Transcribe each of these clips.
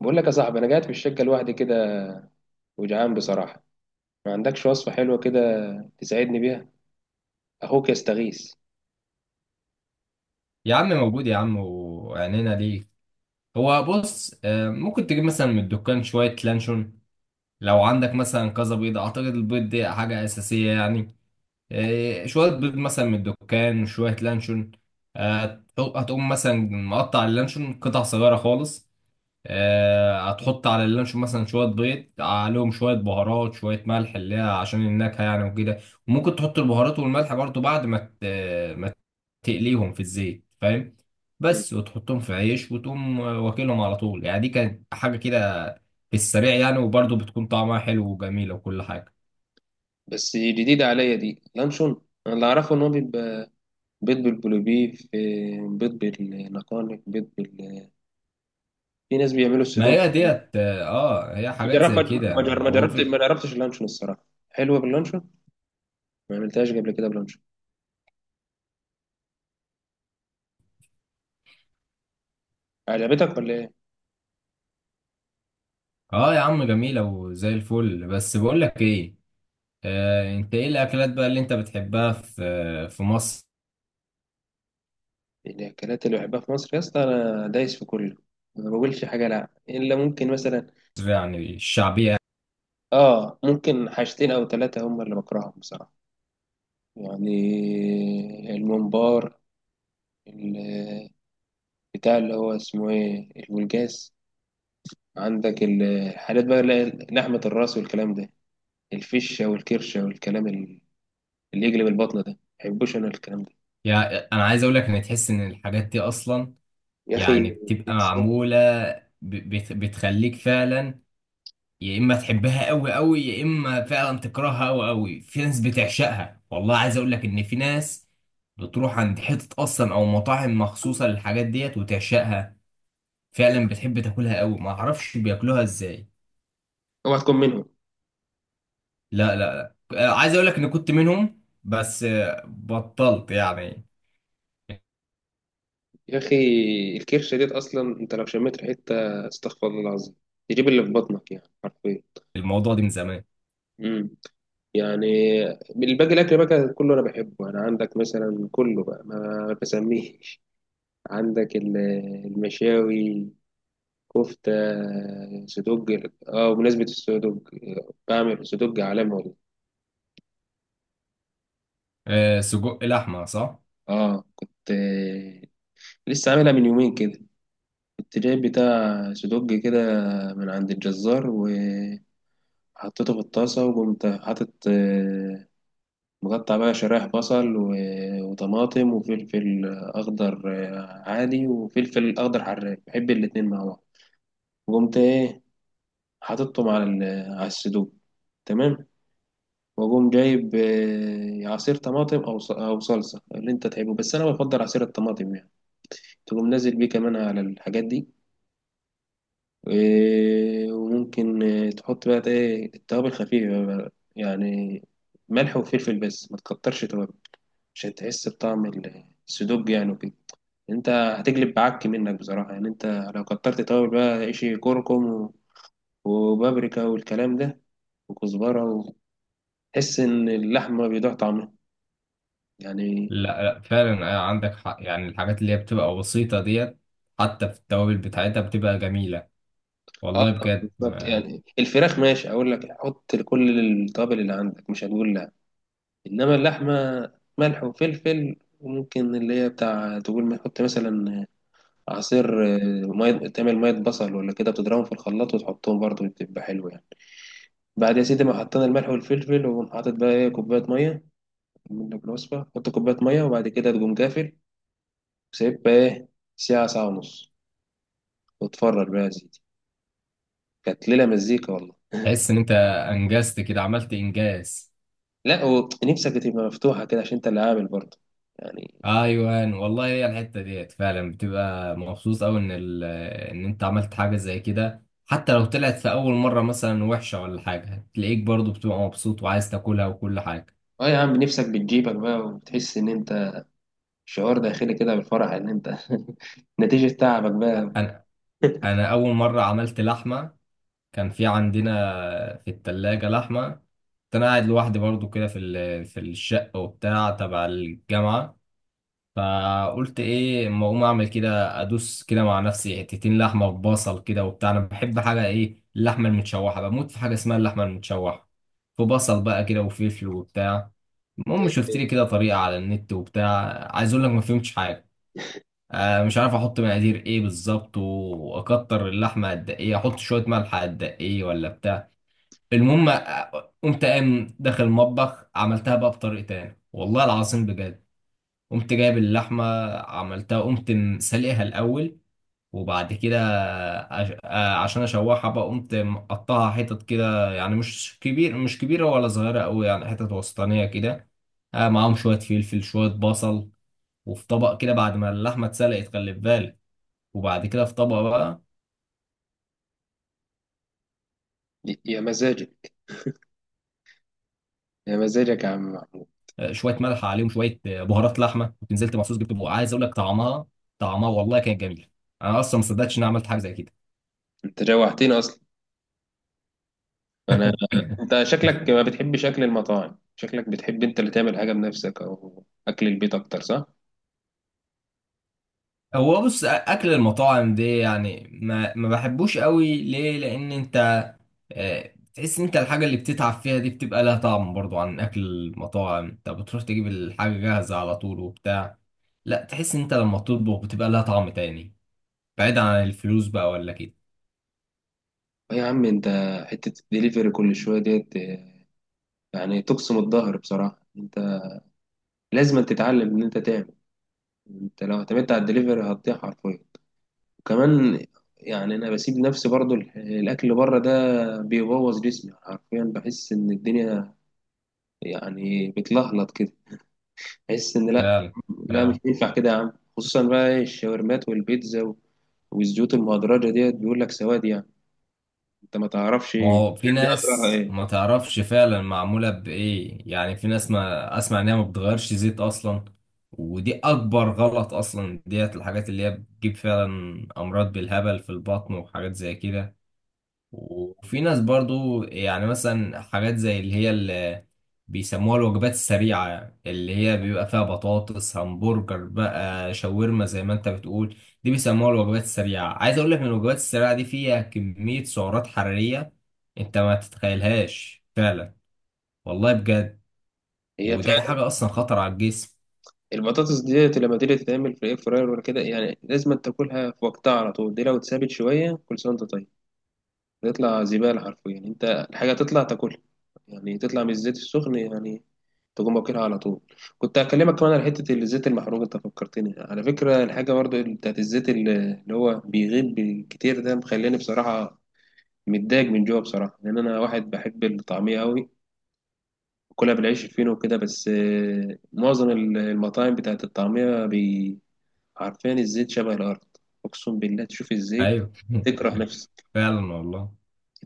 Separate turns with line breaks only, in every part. بقول لك يا صاحبي، انا قاعد في الشقه لوحدي كده، وجعان بصراحه. ما عندكش وصفه حلوه كده تساعدني بيها؟ اخوك يستغيث.
يا عم موجود يا عم، وعينينا ليك. هو بص، ممكن تجيب مثلا من الدكان شوية لانشون. لو عندك مثلا كذا بيض، أعتقد البيض دي حاجة أساسية يعني. شوية بيض مثلا من الدكان وشوية لانشون. هتقوم مثلا مقطع اللانشون قطع صغيرة خالص. هتحط على اللانشون مثلا شوية بيض، عليهم شوية بهارات، شوية ملح اللي هي عشان النكهة يعني وكده. وممكن تحط البهارات والملح برضو بعد ما ما تقليهم في الزيت، فاهم؟
مم.
بس، وتحطهم في عيش وتقوم واكلهم على طول، يعني دي كانت حاجة كده في السريع يعني، وبرضه بتكون طعمها حلو وجميلة وكل حاجة.
بس جديده عليا دي لانشون. انا اللي اعرفه ان هو بيبقى بيض بالبلوبيف، بيض بالنقانق، بيض. في ناس بيعملوا
ما
السدوب.
هي ديت اه، هي حاجات
جرب
زي كده.
ما جرب ما
هو
جربت ما
في
جربتش اللانشون الصراحه. حلوه باللانشون؟ ما عملتهاش قبل كده بلانشون. عجبتك ولا ايه؟
اه يا عم، جميلة وزي الفل، بس بقول لك ايه. انت ايه الاكلات بقى اللي انت بتحبها في مصر؟
الاكلات اللي بحبها في مصر يا اسطى انا دايس في كله، ما بقولش حاجه لا الا ممكن مثلا.
يعني الشعبية؟
اه ممكن حاجتين او ثلاثة هم اللي بكرههم بصراحة. يعني الممبار، ال- بتاع اللي هو اسمه ايه الولجاس. عندك الحاجات بقى اللي هي لحمة الراس والكلام ده، الفشة والكرشة والكلام اللي يجلب البطن ده. مبحبوش انا الكلام ده.
يعني انا عايز اقول لك ان تحس ان الحاجات دي اصلا
يا اخي،
يعني بتبقى معمولة، بتخليك فعلا يا اما تحبها قوي قوي، يا اما فعلا تكرهها قوي قوي. في ناس بتعشقها، والله عايز اقول لك ان في ناس بتروح عند حتة اصلا او مطاعم مخصوصة للحاجات ديت وتعشقها فعلا، بتحب تاكلها قوي، ما اعرفش بياكلوها ازاي.
اوعى تكون منهم.
لا، عايز اقول لك ان كنت منهم، بس بطلت يعني،
يا اخي، الكرشة ديت اصلا انت لو شميت ريحتها استغفر الله العظيم، تجيب اللي في بطنك يعني حرفيا.
الموضوع ده من زمان.
يعني الباقي الاكل بقى كان كله انا بحبه، انا عندك مثلا كله بقى ما بسميش. عندك المشاوي، كفته، صدق. اه بمناسبه الصدق، بعمل صدق عالمي والله.
سجق لحمة، صح.
اه كنت لسه عاملها من يومين كده. كنت جايب بتاع صدق كده من عند الجزار وحطيته في الطاسه، وقمت حاطط مقطع بقى شرايح بصل وطماطم وفلفل أخضر. عادي، وفلفل أخضر حراق، بحب الاتنين مع بعض. وقمت إيه، حاططهم على على السدوق. تمام. وأقوم جايب عصير طماطم أو أو صلصة اللي أنت تحبه، بس أنا بفضل عصير الطماطم يعني. تقوم نازل بيه كمان على الحاجات دي. وممكن تحط بقى إيه التوابل خفيفة بقى، يعني ملح وفلفل بس، ما تكترش توابل، عشان تحس بطعم السدوج يعني وكده. انت هتجلب بعك منك بصراحة، يعني انت لو كترت توابل بقى عيشي كركم وبابريكا والكلام ده وكزبرة، وتحس ان اللحمة بيضيع طعمها يعني.
لا، فعلا، عندك حق. يعني الحاجات اللي هي بتبقى بسيطة ديت، حتى في التوابل بتاعتها بتبقى جميلة،
اه
والله بجد.
بالظبط، يعني الفراخ ماشي اقول لك حط كل التوابل اللي عندك مش هتقول لا، انما اللحمة ملح وفلفل، وممكن اللي هي بتاع تقول ما تحط مثلا عصير مية، تعمل مية بصل ولا كده، بتضربهم في الخلاط وتحطهم برضه بتبقى حلوة يعني. بعد يا سيدي ما حطينا الملح والفلفل، وقوم حاطط بقى ايه كوباية مية. منك الوصفة، حط كوباية مية، وبعد كده تقوم قافل، وسايبها إيه ساعة، ساعة ونص، وتفرج بقى يا سيدي. كانت ليلة مزيكا والله.
تحس ان انت انجزت كده، عملت انجاز.
لا، ونفسك تبقى مفتوحة كده عشان أنت اللي عامل برضه يعني.
ايوه والله، هي الحته ديت فعلا بتبقى مبسوط قوي ان ان انت عملت حاجه زي كده. حتى لو طلعت في اول مره مثلا وحشه ولا حاجه، تلاقيك برضو بتبقى مبسوط وعايز تاكلها وكل حاجه.
أه يا عم، نفسك بتجيبك بقى، وبتحس إن أنت، شعور داخلي كده بالفرح إن أنت نتيجة تعبك بقى.
انا انا اول مره عملت لحمه، كان في عندنا في التلاجة لحمه. كنت انا قاعد لوحدي برضو كده في في الشقه وبتاع تبع الجامعه. فقلت ايه، اما اقوم اعمل كده، ادوس كده مع نفسي حتتين لحمه ببصل كده وبتاع. انا بحب حاجه ايه، اللحمه المتشوحه، بموت في حاجه اسمها اللحمه المتشوحه، في بصل بقى كده وفلفل وبتاع. المهم شفت لي كده طريقه على النت وبتاع. عايز اقول لك ما فهمتش حاجه، آه مش عارف احط مقادير ايه بالظبط، واكتر اللحمه قد ايه، احط شويه ملح قد ايه، ولا بتاع. المهم قمت قام داخل المطبخ عملتها بقى بطريقه تاني، والله العظيم بجد. قمت جايب اللحمة، عملتها، قمت سلقها الأول، وبعد كده عشان أشوحها بقى قمت مقطعها حتت كده، يعني مش كبير، مش كبيرة ولا صغيرة أوي، يعني حتت وسطانية كده. معاهم شوية فلفل، شوية بصل، وفي طبق كده بعد ما اللحمة اتسلقت، خلي في بالك. وبعد كده في طبق بقى
يا مزاجك، يا مزاجك يا عم محمود.
شوية ملح عليهم، شوية بهارات لحمة كنت نزلت مخصوص جبت بقى. عايز أقول لك طعمها، طعمها والله كان جميل، أنا أصلا ما صدقتش إن أنا عملت حاجة زي
أنت جوعتني أصلا أنا.
كده.
أنت شكلك ما بتحبش أكل المطاعم، شكلك بتحب أنت اللي تعمل حاجة بنفسك أو أكل البيت أكتر، صح؟
هو بص، اكل المطاعم دي يعني ما بحبوش قوي. ليه؟ لان انت تحس انت الحاجه اللي بتتعب فيها دي بتبقى لها طعم برضو. عن اكل المطاعم، انت بتروح تجيب الحاجه جاهزه على طول وبتاع. لا، تحس انت لما تطبخ بتبقى لها طعم تاني، بعيد عن الفلوس بقى ولا كده.
يا عم انت، حتة الدليفري كل شوية ديت يعني تقسم الظهر بصراحة. انت لازم تتعلم ان انت تعمل. انت لو اعتمدت على الدليفري هتضيع حرفيا. وكمان يعني انا بسيب نفسي برضو الاكل بره ده بيبوظ جسمي حرفيا، بحس ان الدنيا يعني بتلهلط كده. بحس ان لا،
فعلا.
لا مش ينفع كده يا عم، خصوصا بقى ايه الشاورمات والبيتزا والزيوت المهدرجة ديت، بيقول لك سواد يعني، انت ما تعرفش
ما هو في
دي اضرارها
ناس
ايه.
ما تعرفش فعلا معمولة بإيه. يعني في ناس ما أسمع إنها ما بتغيرش زيت أصلا، ودي أكبر غلط أصلا ديت. الحاجات اللي هي بتجيب فعلا أمراض بالهبل في البطن وحاجات زي كده. وفي ناس برضو يعني مثلا حاجات زي اللي هي اللي بيسموها الوجبات السريعة، اللي هي بيبقى فيها بطاطس، همبرجر بقى، شاورما زي ما انت بتقول. دي بيسموها الوجبات السريعة. عايز اقول لك ان الوجبات السريعة دي فيها كمية سعرات حرارية انت ما تتخيلهاش فعلا، والله بجد.
هي
ودي حاجة اصلا خطر على الجسم.
البطاطس ديت لما تيجي تتعمل في الاير فراير ولا كده يعني لازم تاكلها في وقتها على طول، دي لو اتسابت شويه كل سنه وانت طيب تطلع زباله حرفيا. يعني انت الحاجه تطلع تاكلها، يعني تطلع من الزيت السخن، يعني تقوم واكلها على طول. كنت هكلمك كمان على حته الزيت المحروق، انت فكرتني على فكره، الحاجه برضو بتاعت الزيت اللي هو بيغيب كتير ده مخليني بصراحه متضايق من جوه بصراحه، لان انا واحد بحب الطعميه قوي، كلها بالعيش الفينو وكده، بس معظم المطاعم بتاعت الطعميه عارفين الزيت شبه الارض. اقسم بالله تشوف الزيت
ايوه
تكره نفسك.
فعلا والله.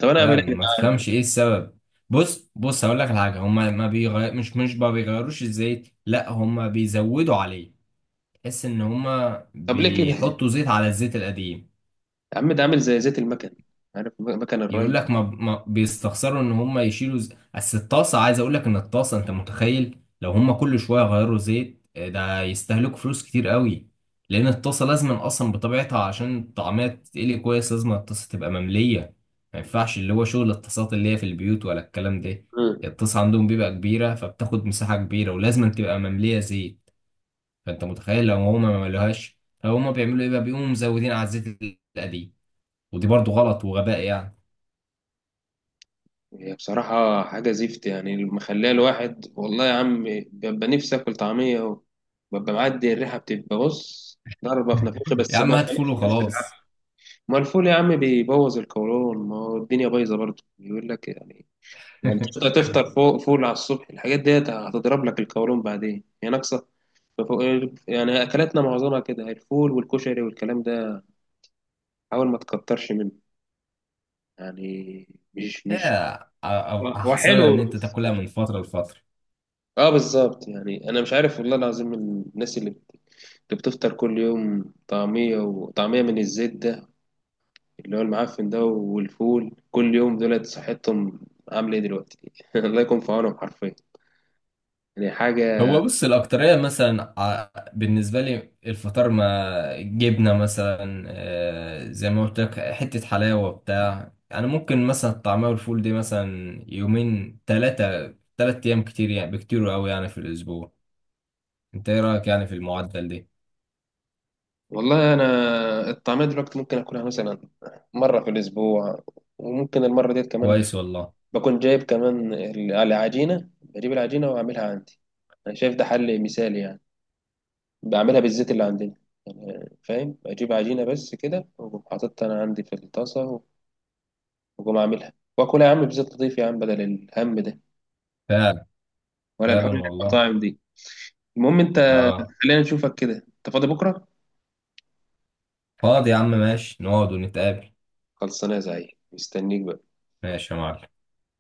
طب انا اعمل
فعلا
ايه يا
ما
جدعان؟
تفهمش ايه السبب. بص بص، هقول لك على حاجه. هما ما بيغير مش ما بيغيروش الزيت، لا، هما بيزودوا عليه. تحس ان هما
طب ليه كده
بيحطوا زيت على الزيت القديم.
يا عم، ده عامل زي زيت المكن. عارف مكن
يقول
الري.
لك ما بيستخسروا ان هم يشيلوا بس الطاسه، عايز اقول لك ان الطاسه، انت متخيل لو هم كل شويه غيروا زيت، ده يستهلكوا فلوس كتير قوي. لان الطاسه لازم اصلا بطبيعتها عشان الطعميه تتقلي كويس لازم الطاسه تبقى ممليه. ما ينفعش اللي هو شغل الطاسات اللي هي في البيوت ولا الكلام ده.
مم.
الطاسه عندهم بيبقى كبيره، فبتاخد مساحه كبيره، ولازم تبقى ممليه زيت. فانت متخيل لو هم ما ملوهاش، لو هم بيعملوا ايه بقى؟ بيقوموا مزودين على الزيت القديم، ودي برضو غلط وغباء يعني.
هي بصراحة حاجة زفت يعني، مخليها الواحد والله يا عم، ببقى نفسي آكل طعمية ببقى معدي، الريحة بتبقى بص، ضربة في نفوخي،
يا
بس
عم
ببقى
هات فول
نفسي نفسي بالعافية.
وخلاص.
ما الفول يا عم بيبوظ القولون، ما هو الدنيا بايظة برضه بيقول لك يعني، يعني تفطر تفطر فوق فول على الصبح الحاجات ديت هتضرب لك القولون بعدين هي يعني. ففوق- يعني اكلاتنا معظمها كده الفول والكشري والكلام ده، حاول ما تكترش منه يعني، مش هو هو
احسنها ان
حلو
انت
بس
تاكلها
مش-
من فتره لفتره.
اه بالظبط، يعني انا مش عارف والله العظيم الناس اللي بتفطر كل يوم طعمية وطعمية من الزيت ده، اللي هو المعفن ده، والفول كل يوم، دولت صحتهم عاملة ايه دلوقتي؟ الله يكون في عونهم حرفيا، يعني حاجة.
هو بص، الاكتريه مثلا بالنسبه لي الفطار ما، جبنه مثلا، زي ما قلت لك، حته حلاوه بتاع انا ممكن مثلا الطعميه والفول دي مثلا يومين، ثلاثه، ثلاث ايام كتير يعني، بكتير قوي يعني في الاسبوع. انت ايه رايك يعني في المعدل ده؟
والله أنا الطعمية دلوقتي ممكن آكلها مثلا مرة في الأسبوع، وممكن المرة ديت كمان
كويس والله.
بكون جايب كمان العجينة، بجيب العجينة وأعملها عندي. أنا شايف ده حل مثالي يعني، بعملها بالزيت اللي عندنا يعني، فاهم؟ أجيب عجينة بس كده، وأقوم حاططها أنا عندي في الطاسة، وأقوم أعملها وأكلها يا عم بزيت لطيف يا عم، بدل الهم ده،
فعلا.
ولا الحوار
فعلا
اللي في
والله.
المطاعم دي. المهم أنت،
اه،
خلينا نشوفك كده، أنت فاضي بكرة؟
فاضي يا عم، ماشي نقعد ونتقابل.
خلصانة يا زعيم، مستنيك بقى.
ماشي يا معلم.